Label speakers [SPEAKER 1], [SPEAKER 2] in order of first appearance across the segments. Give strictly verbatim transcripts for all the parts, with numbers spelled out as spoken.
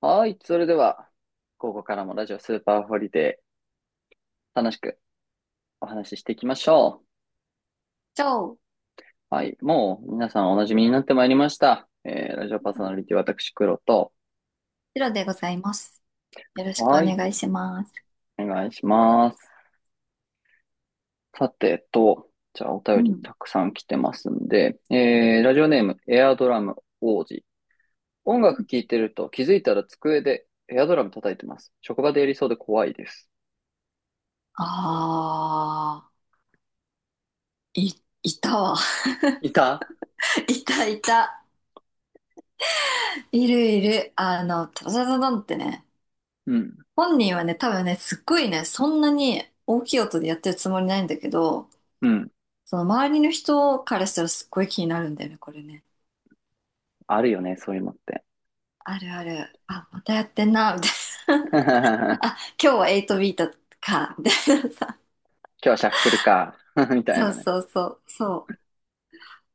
[SPEAKER 1] はい。それでは、ここからもラジオスーパーホリデー、楽しくお話ししていきましょ
[SPEAKER 2] チョウ、
[SPEAKER 1] う。はい。もう、皆さんお馴染みになってまいりました。えー、ラジオパーソナリティ、私、黒と。
[SPEAKER 2] シロでございます。よろしくお
[SPEAKER 1] はい。
[SPEAKER 2] 願いします。
[SPEAKER 1] お願いします。さてと、じゃあ、お
[SPEAKER 2] う
[SPEAKER 1] 便り
[SPEAKER 2] ん。
[SPEAKER 1] たくさん来てますんで、えー、ラジオネーム、エアドラム王子。音楽聴いてると気づいたら机でエアドラム叩いてます。職場でやりそうで怖いです。
[SPEAKER 2] あー、い、いたわ。
[SPEAKER 1] いた
[SPEAKER 2] いたいた。いるいる。あの、タタタタタンってね、
[SPEAKER 1] うん。
[SPEAKER 2] 本人はね、多分ね、すっごいね、そんなに大きい音でやってるつもりないんだけど、
[SPEAKER 1] うん。
[SPEAKER 2] その周りの人からしたらすっごい気になるんだよね、これね。
[SPEAKER 1] あるよね、そういうのって。
[SPEAKER 2] あるある。あ、またやってんな、みたいな。あ、今日ははちビートか、みたいなさ。
[SPEAKER 1] 今日はシャッフルか、みたい
[SPEAKER 2] そう
[SPEAKER 1] なね。
[SPEAKER 2] そうそう、そう。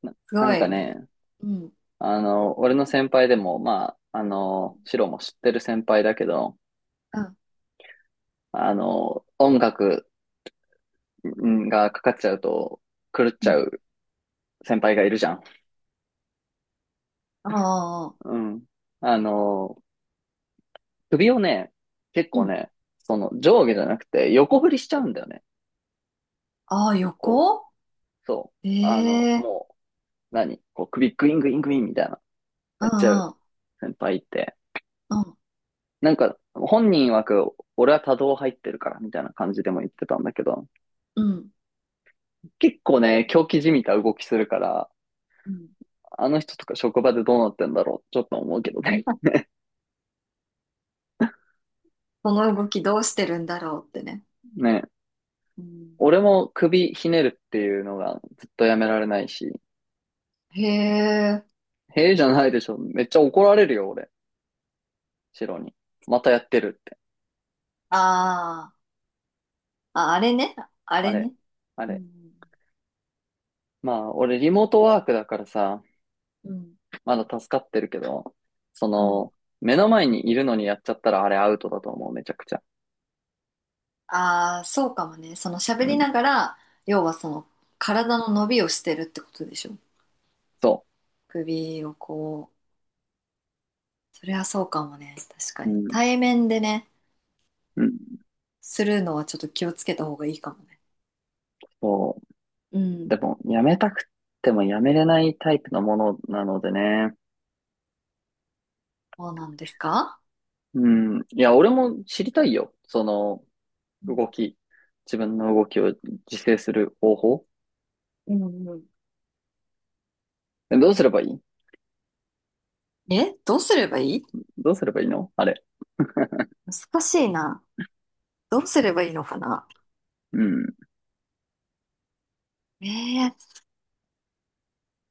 [SPEAKER 1] な、
[SPEAKER 2] す
[SPEAKER 1] な
[SPEAKER 2] ご
[SPEAKER 1] んか
[SPEAKER 2] い
[SPEAKER 1] ね、
[SPEAKER 2] ね。うん
[SPEAKER 1] あの、俺の先輩でも、まあ、あの、シロも知ってる先輩だけど、
[SPEAKER 2] うん。
[SPEAKER 1] あの、音楽んがかかっちゃうと狂っ
[SPEAKER 2] う
[SPEAKER 1] ちゃ
[SPEAKER 2] ん。
[SPEAKER 1] う先輩がいるじゃん。
[SPEAKER 2] ああ、
[SPEAKER 1] うん。あの、首をね、結
[SPEAKER 2] う
[SPEAKER 1] 構
[SPEAKER 2] ん。
[SPEAKER 1] ね、その上下じゃなくて横振りしちゃうんだよね。
[SPEAKER 2] ああ、
[SPEAKER 1] こう、
[SPEAKER 2] 横。
[SPEAKER 1] そう。あの、
[SPEAKER 2] ええ、
[SPEAKER 1] もう、何こう首グイングイングインみたいな、
[SPEAKER 2] う
[SPEAKER 1] やっちゃ
[SPEAKER 2] ん
[SPEAKER 1] う
[SPEAKER 2] うん、
[SPEAKER 1] 先輩って。
[SPEAKER 2] うん、
[SPEAKER 1] なんか、本人曰く、俺は多動入ってるから、みたいな感じでも言ってたんだけど、
[SPEAKER 2] うん。
[SPEAKER 1] 結構ね、狂気じみた動きするから、
[SPEAKER 2] うん。
[SPEAKER 1] あの人とか職場でどうなってんだろう、ちょっと思うけどね。
[SPEAKER 2] この動きどうしてるんだろうってね。
[SPEAKER 1] ね。
[SPEAKER 2] うん、
[SPEAKER 1] 俺も首ひねるっていうのがずっとやめられないし、
[SPEAKER 2] へえ、
[SPEAKER 1] へえじゃないでしょ。めっちゃ怒られるよ、俺。シロに。またやってるって。
[SPEAKER 2] ああ、あ、あれね、あ
[SPEAKER 1] あ
[SPEAKER 2] れ
[SPEAKER 1] れ、
[SPEAKER 2] ね。
[SPEAKER 1] あ
[SPEAKER 2] う
[SPEAKER 1] れ。
[SPEAKER 2] ん、
[SPEAKER 1] まあ、俺リモートワークだからさ、
[SPEAKER 2] うん、
[SPEAKER 1] まだ助かってるけど、そ
[SPEAKER 2] うん。
[SPEAKER 1] の、目の前にいるのにやっちゃったらあれアウトだと思う、めちゃくちゃ。
[SPEAKER 2] ああ、そうかもね。その喋
[SPEAKER 1] う
[SPEAKER 2] り
[SPEAKER 1] ん。
[SPEAKER 2] ながら、要はその体の伸びをしてるってことでしょ。
[SPEAKER 1] そう。
[SPEAKER 2] 首をこう。それはそうかもね。確か
[SPEAKER 1] う
[SPEAKER 2] に。
[SPEAKER 1] ん、
[SPEAKER 2] 対面でね、
[SPEAKER 1] うん、
[SPEAKER 2] するのはちょっと気をつけた方がいいかもね。
[SPEAKER 1] そ
[SPEAKER 2] う
[SPEAKER 1] う。で
[SPEAKER 2] ん。
[SPEAKER 1] も、やめたくてもやめれないタイプのものなのでね。
[SPEAKER 2] そうなんですか？
[SPEAKER 1] うん。いや、俺も知りたいよ。その、
[SPEAKER 2] う
[SPEAKER 1] 動
[SPEAKER 2] ん、
[SPEAKER 1] き。自分の動きを自制する方法。
[SPEAKER 2] うんうん。
[SPEAKER 1] えどうすればいい
[SPEAKER 2] え、どうすればいい？
[SPEAKER 1] どうすればいいのあれ。
[SPEAKER 2] 難しいな。どうすればいいのかな。
[SPEAKER 1] うん。
[SPEAKER 2] ええ、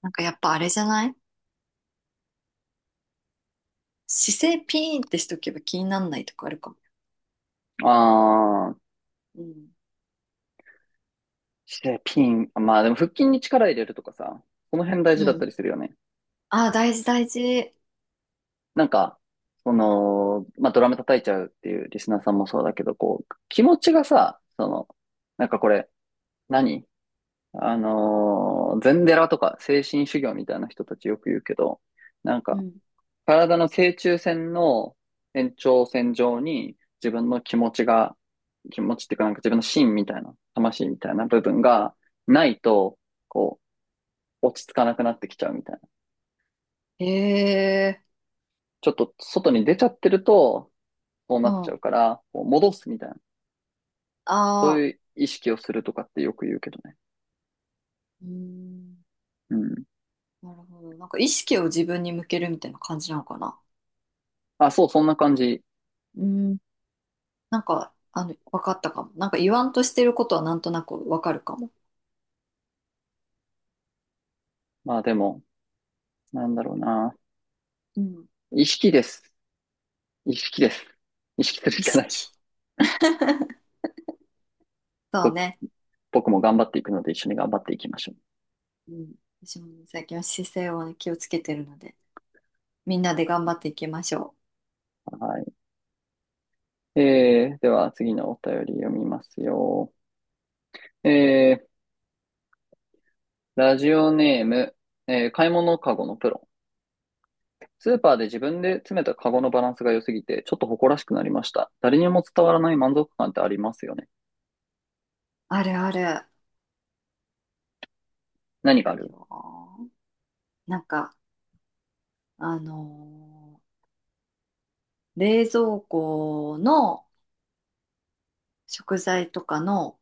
[SPEAKER 2] なんかやっぱあれじゃない？姿勢ピーンってしとけば気になんないとかあるかも。
[SPEAKER 1] あー、
[SPEAKER 2] うん、
[SPEAKER 1] してピン。まあでも腹筋に力入れるとかさ、この辺大事
[SPEAKER 2] う
[SPEAKER 1] だった
[SPEAKER 2] ん。
[SPEAKER 1] りするよね。
[SPEAKER 2] ああ、大事大事。
[SPEAKER 1] なんか、その、まあドラム叩いちゃうっていうリスナーさんもそうだけど、こう、気持ちがさ、その、なんかこれ、何あのー禅寺とか精神修行みたいな人たちよく言うけど、なん
[SPEAKER 2] う
[SPEAKER 1] か、
[SPEAKER 2] ん、
[SPEAKER 1] 体の正中線の延長線上に自分の気持ちが、気持ちっていうかなんか自分の心みたいな、魂みたいな部分がないと、こう、落ち着かなくなってきちゃうみたいな。
[SPEAKER 2] ええ、
[SPEAKER 1] ちょっと外に出ちゃってると、そう
[SPEAKER 2] う
[SPEAKER 1] なっち
[SPEAKER 2] ん。
[SPEAKER 1] ゃ
[SPEAKER 2] あ
[SPEAKER 1] うから、こう戻すみたいな。そう
[SPEAKER 2] あ、
[SPEAKER 1] いう意識をするとかってよく言うけどね。
[SPEAKER 2] うん。
[SPEAKER 1] うん。
[SPEAKER 2] なるほど。なんか意識を自分に向けるみたいな感じなのかな。
[SPEAKER 1] あ、そう、そんな感じ。
[SPEAKER 2] うん、なんか、あの、わかったかも。なんか言わんとしてることはなんとなくわかるかも。
[SPEAKER 1] まあでも、なんだろうな。
[SPEAKER 2] うん。
[SPEAKER 1] 意識です。意識です。意識するし
[SPEAKER 2] 意
[SPEAKER 1] かないで
[SPEAKER 2] 識。
[SPEAKER 1] す。
[SPEAKER 2] そう
[SPEAKER 1] ぼ
[SPEAKER 2] ね。
[SPEAKER 1] 僕も頑張っていくので一緒に頑張っていきましょ
[SPEAKER 2] うん、私もね最近は姿勢をね気をつけてるので、みんなで頑張っていきましょう。
[SPEAKER 1] う。はい。えー、では次のお便り読みますよ。えー、ラジオネーム、えー、買い物カゴのプロ。スーパーで自分で詰めたカゴのバランスが良すぎて、ちょっと誇らしくなりました。誰にも伝わらない満足感ってありますよね。
[SPEAKER 2] あるある。
[SPEAKER 1] 何が
[SPEAKER 2] あ
[SPEAKER 1] あ
[SPEAKER 2] る
[SPEAKER 1] る
[SPEAKER 2] よ。なんか、あのー冷蔵庫の食材とかの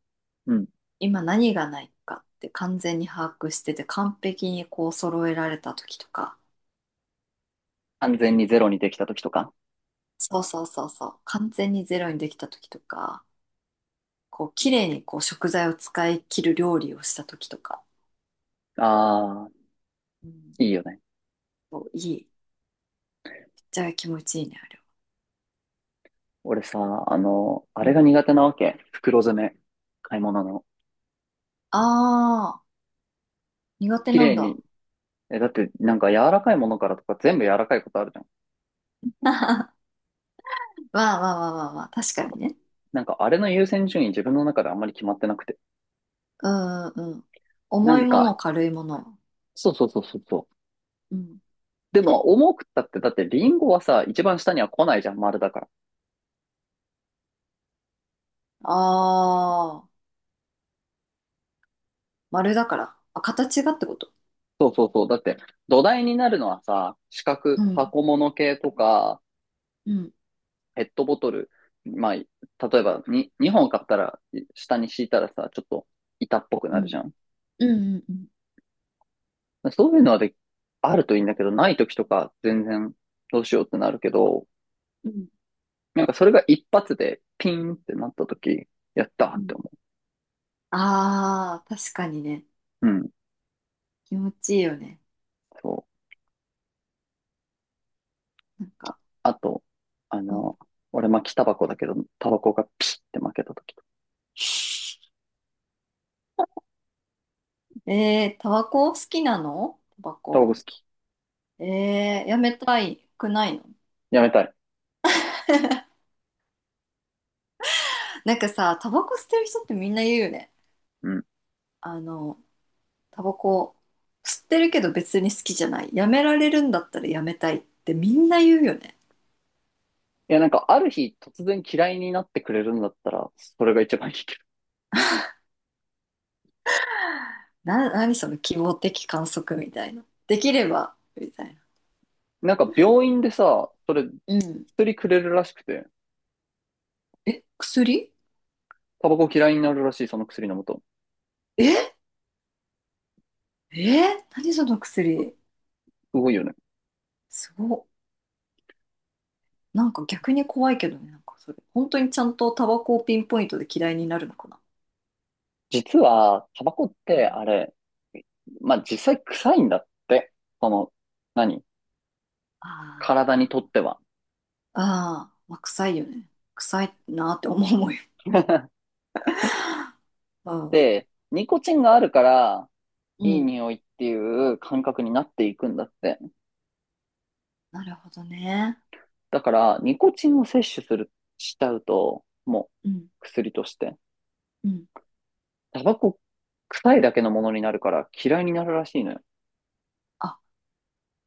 [SPEAKER 1] うん。
[SPEAKER 2] 今何がないかって完全に把握してて、完璧にこう揃えられた時とか、
[SPEAKER 1] 安全にゼロにできた時とか。
[SPEAKER 2] そうそうそうそう、完全にゼロにできた時とか、こう綺麗にこう食材を使い切る料理をした時とか、
[SPEAKER 1] あ
[SPEAKER 2] うん、
[SPEAKER 1] ー、いいよね。
[SPEAKER 2] そういい。めっちゃ気持ちいいね、あれは。
[SPEAKER 1] 俺さ、あの、あ
[SPEAKER 2] う
[SPEAKER 1] れが
[SPEAKER 2] ん。
[SPEAKER 1] 苦手なわけ。袋詰め。買い物の。
[SPEAKER 2] ああ、苦手
[SPEAKER 1] 綺
[SPEAKER 2] なん
[SPEAKER 1] 麗
[SPEAKER 2] だ。
[SPEAKER 1] にえ、だって、なんか柔らかいものからとか全部柔らかいことあるじゃん。
[SPEAKER 2] わあわあわあわあわあ、確かにね。
[SPEAKER 1] なんかあれの優先順位自分の中であんまり決まってなくて。
[SPEAKER 2] うんうんうん。
[SPEAKER 1] な
[SPEAKER 2] 重い
[SPEAKER 1] ん
[SPEAKER 2] もの、
[SPEAKER 1] か、
[SPEAKER 2] 軽いもの。
[SPEAKER 1] そうそうそうそうそう。
[SPEAKER 2] うん。
[SPEAKER 1] でも、重くったって、だってリンゴはさ、一番下には来ないじゃん、丸だから。
[SPEAKER 2] ああ、丸だから。あ、形がってこと。
[SPEAKER 1] そうそうそう。だって、土台になるのはさ、四角、
[SPEAKER 2] うん。
[SPEAKER 1] 箱物系とか、
[SPEAKER 2] うん。
[SPEAKER 1] ペットボトル。まあ、例えばに、にほん買ったら、下に敷いたらさ、ちょっと板っぽく
[SPEAKER 2] う
[SPEAKER 1] なるじゃ
[SPEAKER 2] ん。
[SPEAKER 1] ん。
[SPEAKER 2] うんうん
[SPEAKER 1] そういうのはで、あるといいんだけど、ない時とか全然どうしようってなるけど、
[SPEAKER 2] うん。
[SPEAKER 1] なんかそれが一発でピンってなった時、やったー
[SPEAKER 2] う
[SPEAKER 1] って
[SPEAKER 2] ん。
[SPEAKER 1] 思
[SPEAKER 2] ああー、確かにね。
[SPEAKER 1] う。うん。
[SPEAKER 2] 気持ちいいよね。
[SPEAKER 1] そう。
[SPEAKER 2] なんか。
[SPEAKER 1] あと、あ
[SPEAKER 2] うん、
[SPEAKER 1] の、俺巻きタバコだけど、タバコがピシって負けた時。
[SPEAKER 2] えー、タバコ好きなのタバ
[SPEAKER 1] タバコ好
[SPEAKER 2] コ。
[SPEAKER 1] き。
[SPEAKER 2] えー、やめたいくないの？
[SPEAKER 1] やめたい。
[SPEAKER 2] なんかさ、タバコ吸ってる人ってみんな言うよね。
[SPEAKER 1] うん。
[SPEAKER 2] あの、タバコ吸ってるけど別に好きじゃない。やめられるんだったらやめたいってみんな言うよね。
[SPEAKER 1] いや、なんかある日突然嫌いになってくれるんだったら、それが一番いいけ
[SPEAKER 2] な、何その希望的観測みたいな。できれば、みたいな。
[SPEAKER 1] ど。なんか病院でさ、それ、
[SPEAKER 2] うん。
[SPEAKER 1] 薬くれるらしくて、
[SPEAKER 2] え、薬？
[SPEAKER 1] タバコ嫌いになるらしい、その薬飲むと。
[SPEAKER 2] ええ、何その薬？
[SPEAKER 1] すごいよね。
[SPEAKER 2] すごっ。なんか逆に怖いけどね、なんかそれ。本当にちゃんとタバコをピンポイントで嫌いになるのかな。
[SPEAKER 1] 実は、タバコっ
[SPEAKER 2] うん、
[SPEAKER 1] てあれ、まあ実際臭いんだって。その、何体
[SPEAKER 2] あ
[SPEAKER 1] にとっては。
[SPEAKER 2] あ、ああ、まあ、臭いよね。臭いなって思うもんよ。う
[SPEAKER 1] っ
[SPEAKER 2] ん。
[SPEAKER 1] てニコチンがあるから
[SPEAKER 2] う
[SPEAKER 1] いい
[SPEAKER 2] ん、
[SPEAKER 1] 匂いっていう感覚になっていくんだって。
[SPEAKER 2] なるほどね。
[SPEAKER 1] だからニコチンを摂取する、しちゃうともう
[SPEAKER 2] うん。
[SPEAKER 1] 薬として。
[SPEAKER 2] うん。
[SPEAKER 1] タバコ臭いだけのものになるから嫌いになるらしいのよ。
[SPEAKER 2] あ、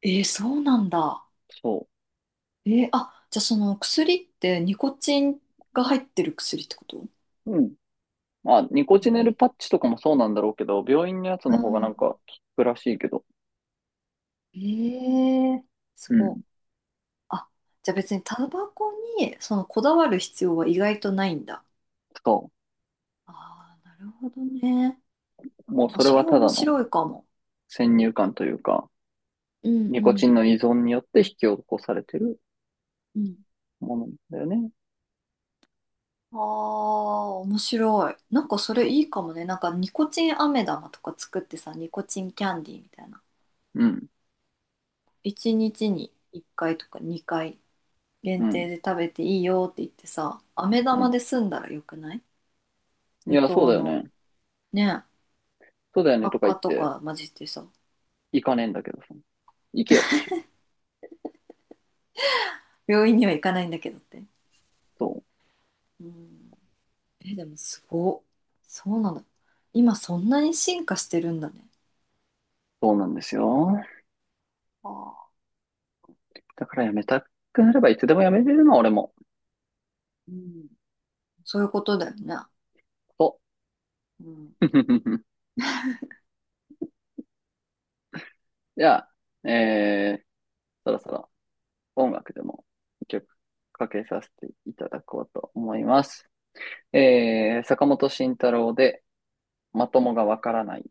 [SPEAKER 2] えー、そうなんだ。
[SPEAKER 1] そ
[SPEAKER 2] えー、あ、じゃあその薬ってニコチンが入ってる薬ってこと？
[SPEAKER 1] う。うん。まあ、ニコ
[SPEAKER 2] え
[SPEAKER 1] チネル
[SPEAKER 2] ー、
[SPEAKER 1] パッチとかもそうなんだろうけど、病院のやつ
[SPEAKER 2] う
[SPEAKER 1] の方がなん
[SPEAKER 2] ん。
[SPEAKER 1] か効くらしいけど。
[SPEAKER 2] えー、す
[SPEAKER 1] う
[SPEAKER 2] ご
[SPEAKER 1] ん。
[SPEAKER 2] い。あ、じゃあ別にタバコにそのこだわる必要は意外とないんだ。
[SPEAKER 1] そ
[SPEAKER 2] ああ、なるほどね。
[SPEAKER 1] う。もう
[SPEAKER 2] あ、
[SPEAKER 1] それ
[SPEAKER 2] そ
[SPEAKER 1] は
[SPEAKER 2] れ
[SPEAKER 1] た
[SPEAKER 2] 面
[SPEAKER 1] だの
[SPEAKER 2] 白いかも。
[SPEAKER 1] 先入観というか、
[SPEAKER 2] うん
[SPEAKER 1] ニ
[SPEAKER 2] う
[SPEAKER 1] コチ
[SPEAKER 2] ん
[SPEAKER 1] ンの依存によって引き起こされてる
[SPEAKER 2] うん。
[SPEAKER 1] ものだよね。
[SPEAKER 2] ああ、面白い。なんかそれ
[SPEAKER 1] そ
[SPEAKER 2] いいかもね。なんかニコチン飴玉とか作ってさ、ニコチンキャンディーみたいな。
[SPEAKER 1] う。うん。
[SPEAKER 2] いちにちにいっかいとかにかい
[SPEAKER 1] う
[SPEAKER 2] 限
[SPEAKER 1] ん。
[SPEAKER 2] 定で食べていいよって言ってさ、飴
[SPEAKER 1] う
[SPEAKER 2] 玉
[SPEAKER 1] ん。
[SPEAKER 2] で済んだらよくない？
[SPEAKER 1] い
[SPEAKER 2] 無
[SPEAKER 1] や、そう
[SPEAKER 2] 糖
[SPEAKER 1] だよ
[SPEAKER 2] の。
[SPEAKER 1] ね。
[SPEAKER 2] ねえ、
[SPEAKER 1] そうだよねと
[SPEAKER 2] 悪
[SPEAKER 1] か言
[SPEAKER 2] 化
[SPEAKER 1] っ
[SPEAKER 2] と
[SPEAKER 1] て、
[SPEAKER 2] か混じってさ、
[SPEAKER 1] 行かねえんだけどさ。行けよっていう。
[SPEAKER 2] 病院には行かないんだけどって。
[SPEAKER 1] そう。
[SPEAKER 2] うん。え、でもすごっ。そうなんだ。今そんなに進化してるんだね。
[SPEAKER 1] そうなんですよ。
[SPEAKER 2] ああ。
[SPEAKER 1] だからやめたくなればいつでもやめれるの、俺も。
[SPEAKER 2] うん。そういうことだよね。
[SPEAKER 1] そ
[SPEAKER 2] うん。
[SPEAKER 1] う。じゃあ、えー、そろそろ音楽でも一曲かけさせていただこうと思います。えー、坂本慎太郎でまともがわからない。